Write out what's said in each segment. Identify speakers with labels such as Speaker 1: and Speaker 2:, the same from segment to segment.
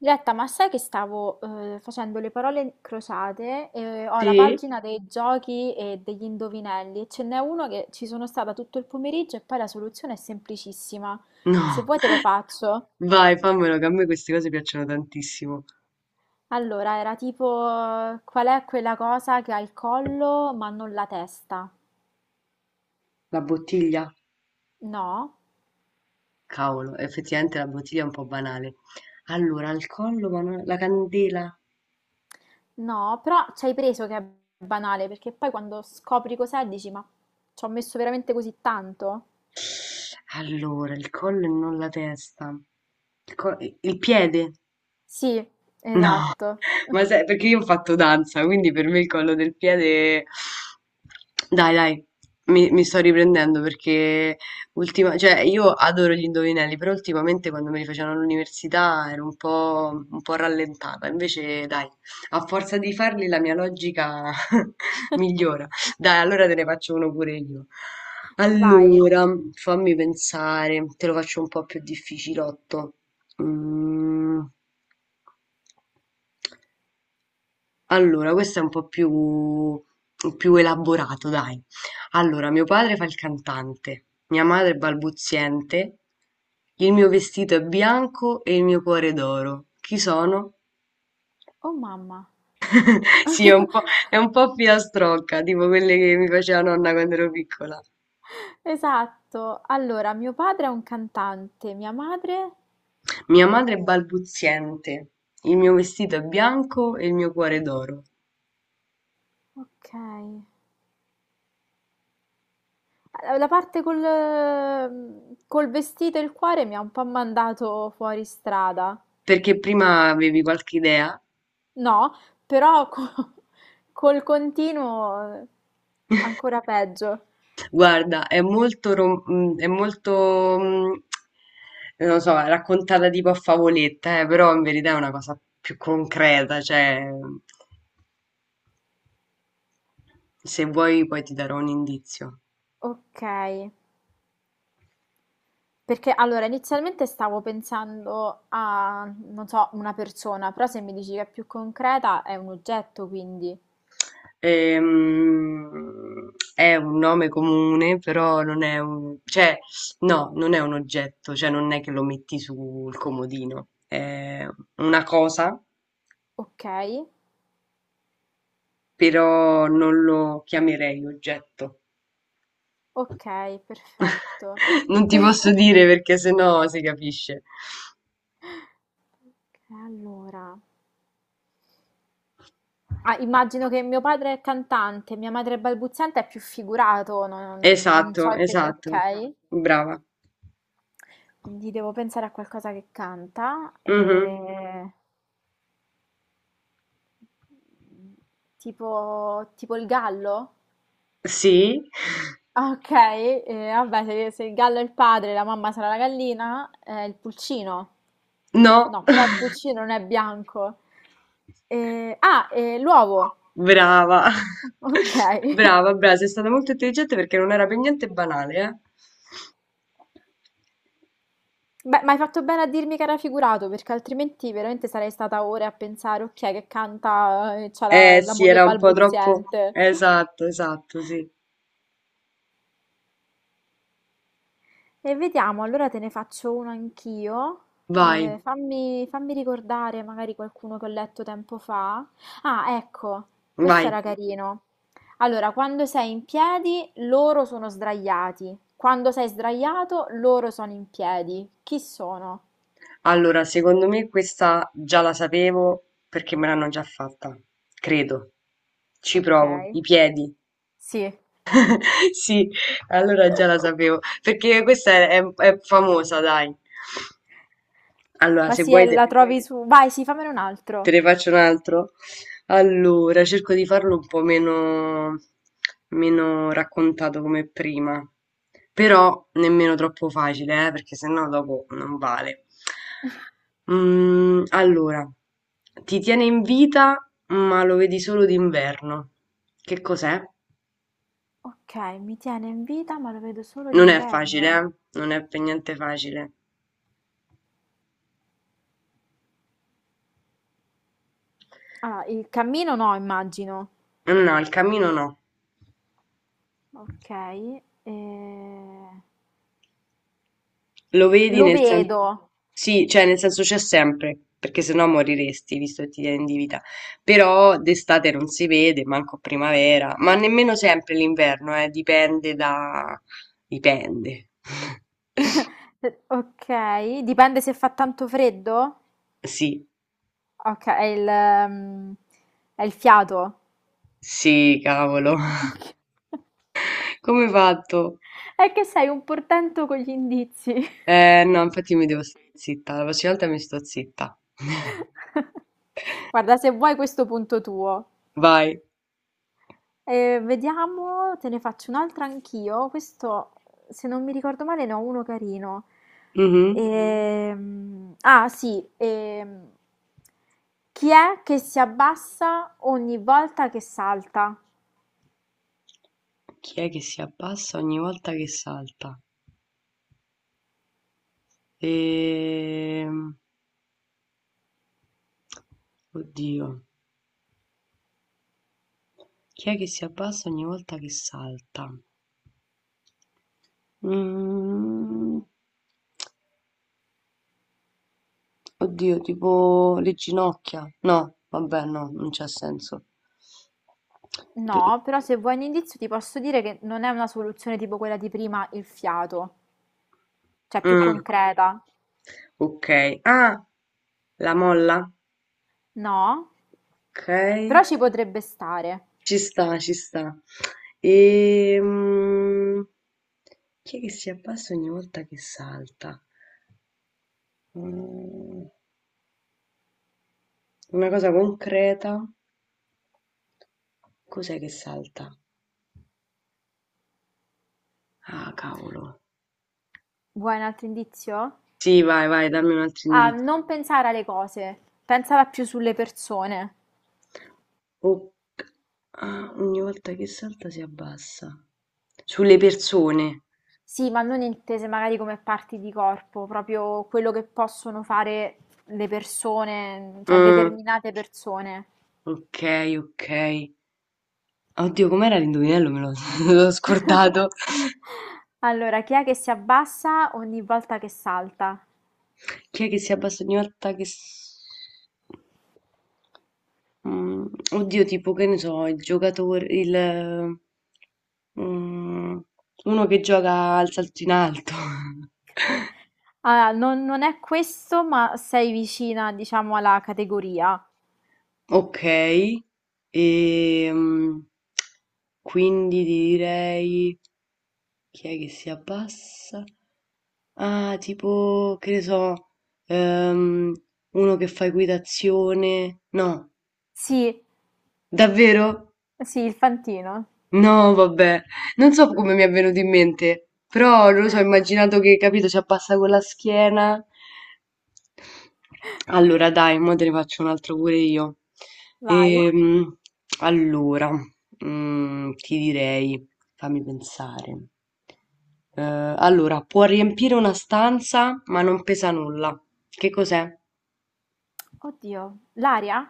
Speaker 1: Diletta, ma sai che stavo facendo le parole crociate e ho la
Speaker 2: Sì?
Speaker 1: pagina dei giochi e degli indovinelli e ce n'è uno che ci sono stata tutto il pomeriggio e poi la soluzione è semplicissima. Se
Speaker 2: No,
Speaker 1: vuoi te lo faccio.
Speaker 2: vai, fammelo, che a me queste cose piacciono tantissimo.
Speaker 1: Allora, era tipo qual è quella cosa che ha il collo ma non la testa?
Speaker 2: La bottiglia?
Speaker 1: No,
Speaker 2: Cavolo, effettivamente la bottiglia è un po' banale. Allora, al collo, ma non... la candela.
Speaker 1: no, però ci hai preso che è banale perché poi quando scopri cos'è dici ma ci ho messo veramente così tanto?
Speaker 2: Allora, il collo e non la testa. Il piede?
Speaker 1: Sì,
Speaker 2: No.
Speaker 1: esatto.
Speaker 2: Ma sai, perché io ho fatto danza, quindi per me il collo del piede... Dai, dai, mi sto riprendendo perché cioè, io adoro gli indovinelli, però ultimamente quando me li facevano all'università ero un po' rallentata. Invece, dai, a forza di farli la mia logica migliora. Dai, allora te ne faccio uno pure io.
Speaker 1: Vai.
Speaker 2: Allora, fammi pensare, te lo faccio un po' più difficilotto. Mm. Allora, questo è un po' più, più elaborato, dai. Allora, mio padre fa il cantante, mia madre è balbuziente, il mio vestito è bianco e il mio cuore è d'oro. Chi sono?
Speaker 1: Oh mamma,
Speaker 2: Sì, è un po', è un po' filastrocca, tipo quelle che mi faceva nonna quando ero piccola.
Speaker 1: esatto. Allora, mio padre è un cantante, mia madre...
Speaker 2: Mia madre è balbuziente, il mio vestito è bianco e il mio cuore è d'oro.
Speaker 1: Ok. La parte col, col vestito e il cuore mi ha un po' mandato fuori strada.
Speaker 2: Perché prima avevi qualche idea?
Speaker 1: No, però col continuo ancora peggio.
Speaker 2: Guarda, è molto, non lo so, raccontata tipo a favoletta, però in verità è una cosa più concreta, cioè, se vuoi poi ti darò un indizio.
Speaker 1: Ok. Perché allora inizialmente stavo pensando a, non so, una persona, però se mi dici che è più concreta è un oggetto, quindi
Speaker 2: È un nome comune, però non è un, cioè, no, non è un oggetto, cioè non è che lo metti sul comodino, è una cosa,
Speaker 1: ok.
Speaker 2: però non lo chiamerei oggetto.
Speaker 1: Ok, perfetto.
Speaker 2: Non ti posso dire perché sennò si capisce.
Speaker 1: E allora, ah, immagino che mio padre è cantante, mia madre è balbuziente, è più figurato, non, non so
Speaker 2: Esatto, esatto.
Speaker 1: ok.
Speaker 2: Brava.
Speaker 1: Quindi devo pensare a qualcosa che canta,
Speaker 2: Mhm.
Speaker 1: tipo, tipo il gallo?
Speaker 2: Sì.
Speaker 1: Ah, ok, vabbè, se, se il gallo è il padre, la mamma sarà la gallina, il pulcino.
Speaker 2: No.
Speaker 1: No, però il pulcino non è bianco. Ah, l'uovo.
Speaker 2: Brava.
Speaker 1: Ok.
Speaker 2: Brava, brava. Sei stata molto intelligente perché non era per niente banale,
Speaker 1: Beh, ma hai fatto bene a dirmi che era figurato, perché altrimenti veramente sarei stata ore a pensare, ok, che canta e c'ha
Speaker 2: eh?
Speaker 1: la,
Speaker 2: Eh
Speaker 1: la
Speaker 2: sì,
Speaker 1: moglie
Speaker 2: era un po' troppo.
Speaker 1: balbuziente.
Speaker 2: Esatto, esatto, sì.
Speaker 1: E vediamo, allora te ne faccio uno anch'io.
Speaker 2: Vai,
Speaker 1: Fammi, fammi ricordare magari qualcuno che ho letto tempo fa. Ah, ecco,
Speaker 2: vai.
Speaker 1: questo era carino. Allora, quando sei in piedi, loro sono sdraiati. Quando sei sdraiato, loro sono in piedi. Chi sono?
Speaker 2: Allora, secondo me questa già la sapevo perché me l'hanno già fatta. Credo. Ci
Speaker 1: Ok.
Speaker 2: provo. I piedi.
Speaker 1: Sì.
Speaker 2: Sì, allora già la sapevo, perché è famosa, dai. Allora,
Speaker 1: Ma
Speaker 2: se
Speaker 1: sì, sì, la
Speaker 2: vuoi
Speaker 1: vabbè,
Speaker 2: te,
Speaker 1: poi trovi questo. Su... vai, sì, fammene un
Speaker 2: te
Speaker 1: altro.
Speaker 2: ne faccio un altro. Allora, cerco di farlo un po' meno, meno raccontato come prima, però nemmeno troppo facile, perché sennò dopo non vale. Allora, ti tiene in vita, ma lo vedi solo d'inverno. Che cos'è?
Speaker 1: Ok, mi tiene in vita, ma lo vedo solo
Speaker 2: Non è facile,
Speaker 1: d'inverno.
Speaker 2: eh? Non è per niente facile.
Speaker 1: Ah, il cammino no, immagino.
Speaker 2: Mm, no, il cammino no.
Speaker 1: Ok, eh,
Speaker 2: Lo vedi
Speaker 1: lo
Speaker 2: nel senso...
Speaker 1: vedo.
Speaker 2: Sì, cioè nel senso c'è sempre, perché sennò moriresti, visto che ti tieni di vita. Però d'estate non si vede, manco primavera, ma nemmeno sempre l'inverno, dipende da... dipende.
Speaker 1: Ok, dipende se fa tanto freddo.
Speaker 2: Sì,
Speaker 1: Ok, è il fiato.
Speaker 2: sì, cavolo.
Speaker 1: Ok.
Speaker 2: Come hai fatto?
Speaker 1: È che sei un portento con gli indizi.
Speaker 2: No, infatti mi devo stare zitta, la prossima volta mi sto zitta.
Speaker 1: Guarda, se vuoi questo punto tuo.
Speaker 2: Vai.
Speaker 1: Vediamo, te ne faccio un'altra anch'io. Questo, se non mi ricordo male, ne ho uno carino.
Speaker 2: Mhm.
Speaker 1: Sì. Chi è che si abbassa ogni volta che salta?
Speaker 2: Chi è che si abbassa ogni volta che salta? Ehm... Oddio, chi è che si abbassa ogni volta che salta? Mhmm, oddio, tipo le ginocchia. No, vabbè, no, non c'ha senso. Per-
Speaker 1: No, però se vuoi un indizio ti posso dire che non è una soluzione tipo quella di prima, il fiato, cioè più
Speaker 2: Mm,
Speaker 1: concreta.
Speaker 2: ok. Ah, la molla?
Speaker 1: No?
Speaker 2: Ok,
Speaker 1: Però ci potrebbe stare.
Speaker 2: ci sta, ci sta. Ehm, chi è che si abbassa ogni volta che salta? Mm, una cosa concreta. Cos'è che salta? Ah, cavolo.
Speaker 1: Vuoi un altro indizio?
Speaker 2: Sì, vai, vai, dammi un altro
Speaker 1: A
Speaker 2: indizio.
Speaker 1: non pensare alle cose, pensala più sulle persone.
Speaker 2: O- ah, ogni volta che salta si abbassa. Sulle persone.
Speaker 1: Sì, ma non intese magari come parti di corpo, proprio quello che possono fare le persone, cioè
Speaker 2: Mm,
Speaker 1: determinate persone.
Speaker 2: ok, ok. Oddio, com'era l'indovinello? Me l'ho l'ho scordato.
Speaker 1: Allora, chi è che si abbassa ogni volta che salta?
Speaker 2: Chi è che si abbassa ogni volta che... s- Mm, oddio, tipo, che ne so, il giocatore, il... mm, uno che gioca al salto in alto.
Speaker 1: Ah, non, non è questo, ma sei vicina, diciamo, alla categoria.
Speaker 2: Okay, ehm, quindi ti direi chi è che si abbassa? Ah, tipo, ehm, uno che fa equitazione. No,
Speaker 1: Sì,
Speaker 2: davvero?
Speaker 1: sì, il fantino.
Speaker 2: No, vabbè, non so come mi è venuto in mente, però non lo so, ho immaginato che, capito, ci appassa con la schiena. Allora, dai, mo te ne faccio un altro pure io.
Speaker 1: Vai.
Speaker 2: Ehm, allora, mm, ti direi, fammi pensare. Eh, allora, può riempire una stanza, ma non pesa nulla. Che cos'è?
Speaker 1: Oddio, l'aria?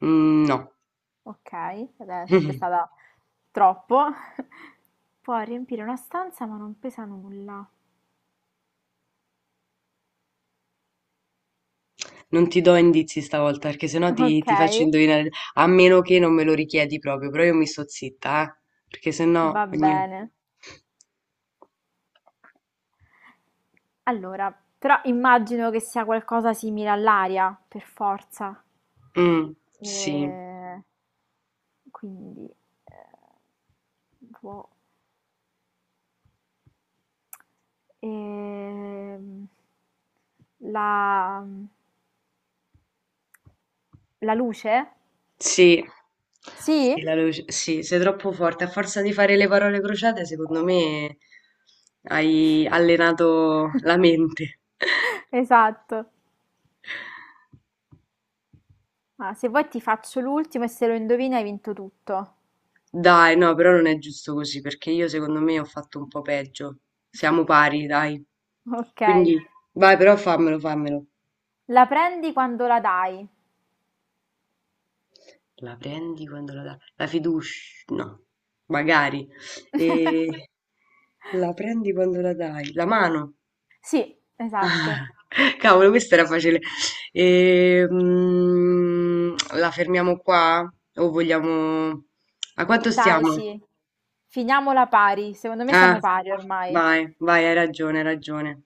Speaker 2: Mm, no.
Speaker 1: Okay, vabbè sarebbe stata troppo. Può riempire una stanza ma non pesa nulla.
Speaker 2: Non ti do indizi stavolta, perché sennò ti faccio
Speaker 1: Okay,
Speaker 2: indovinare, a meno che non me lo richiedi proprio, però io mi sto zitta, perché
Speaker 1: va
Speaker 2: sennò ogni...
Speaker 1: bene. Allora, però immagino che sia qualcosa simile all'aria, per forza.
Speaker 2: Mm, sì,
Speaker 1: Ehm, quindi, Può ehm, la la luce?
Speaker 2: sì, sì,
Speaker 1: Sì?
Speaker 2: la luce, sì, sei troppo forte, a forza di fare le parole crociate, secondo me hai allenato la mente.
Speaker 1: Esatto. Ma se vuoi ti faccio l'ultimo e se lo indovini hai vinto tutto.
Speaker 2: Dai, no, però non è giusto così, perché io secondo me ho fatto un po' peggio. Siamo pari, dai.
Speaker 1: Ok.
Speaker 2: Quindi, vai, però fammelo, fammelo.
Speaker 1: La prendi quando la dai.
Speaker 2: La prendi quando la dà la fiducia, no, magari. Ehm, la prendi quando la dai, la mano.
Speaker 1: Sì,
Speaker 2: Ah,
Speaker 1: esatto.
Speaker 2: cavolo, questa era facile. La fermiamo qua? O vogliamo... A quanto
Speaker 1: Dai,
Speaker 2: stiamo?
Speaker 1: sì. Finiamola pari. Secondo me
Speaker 2: Ah,
Speaker 1: siamo pari ormai.
Speaker 2: vai, vai, hai ragione, hai ragione.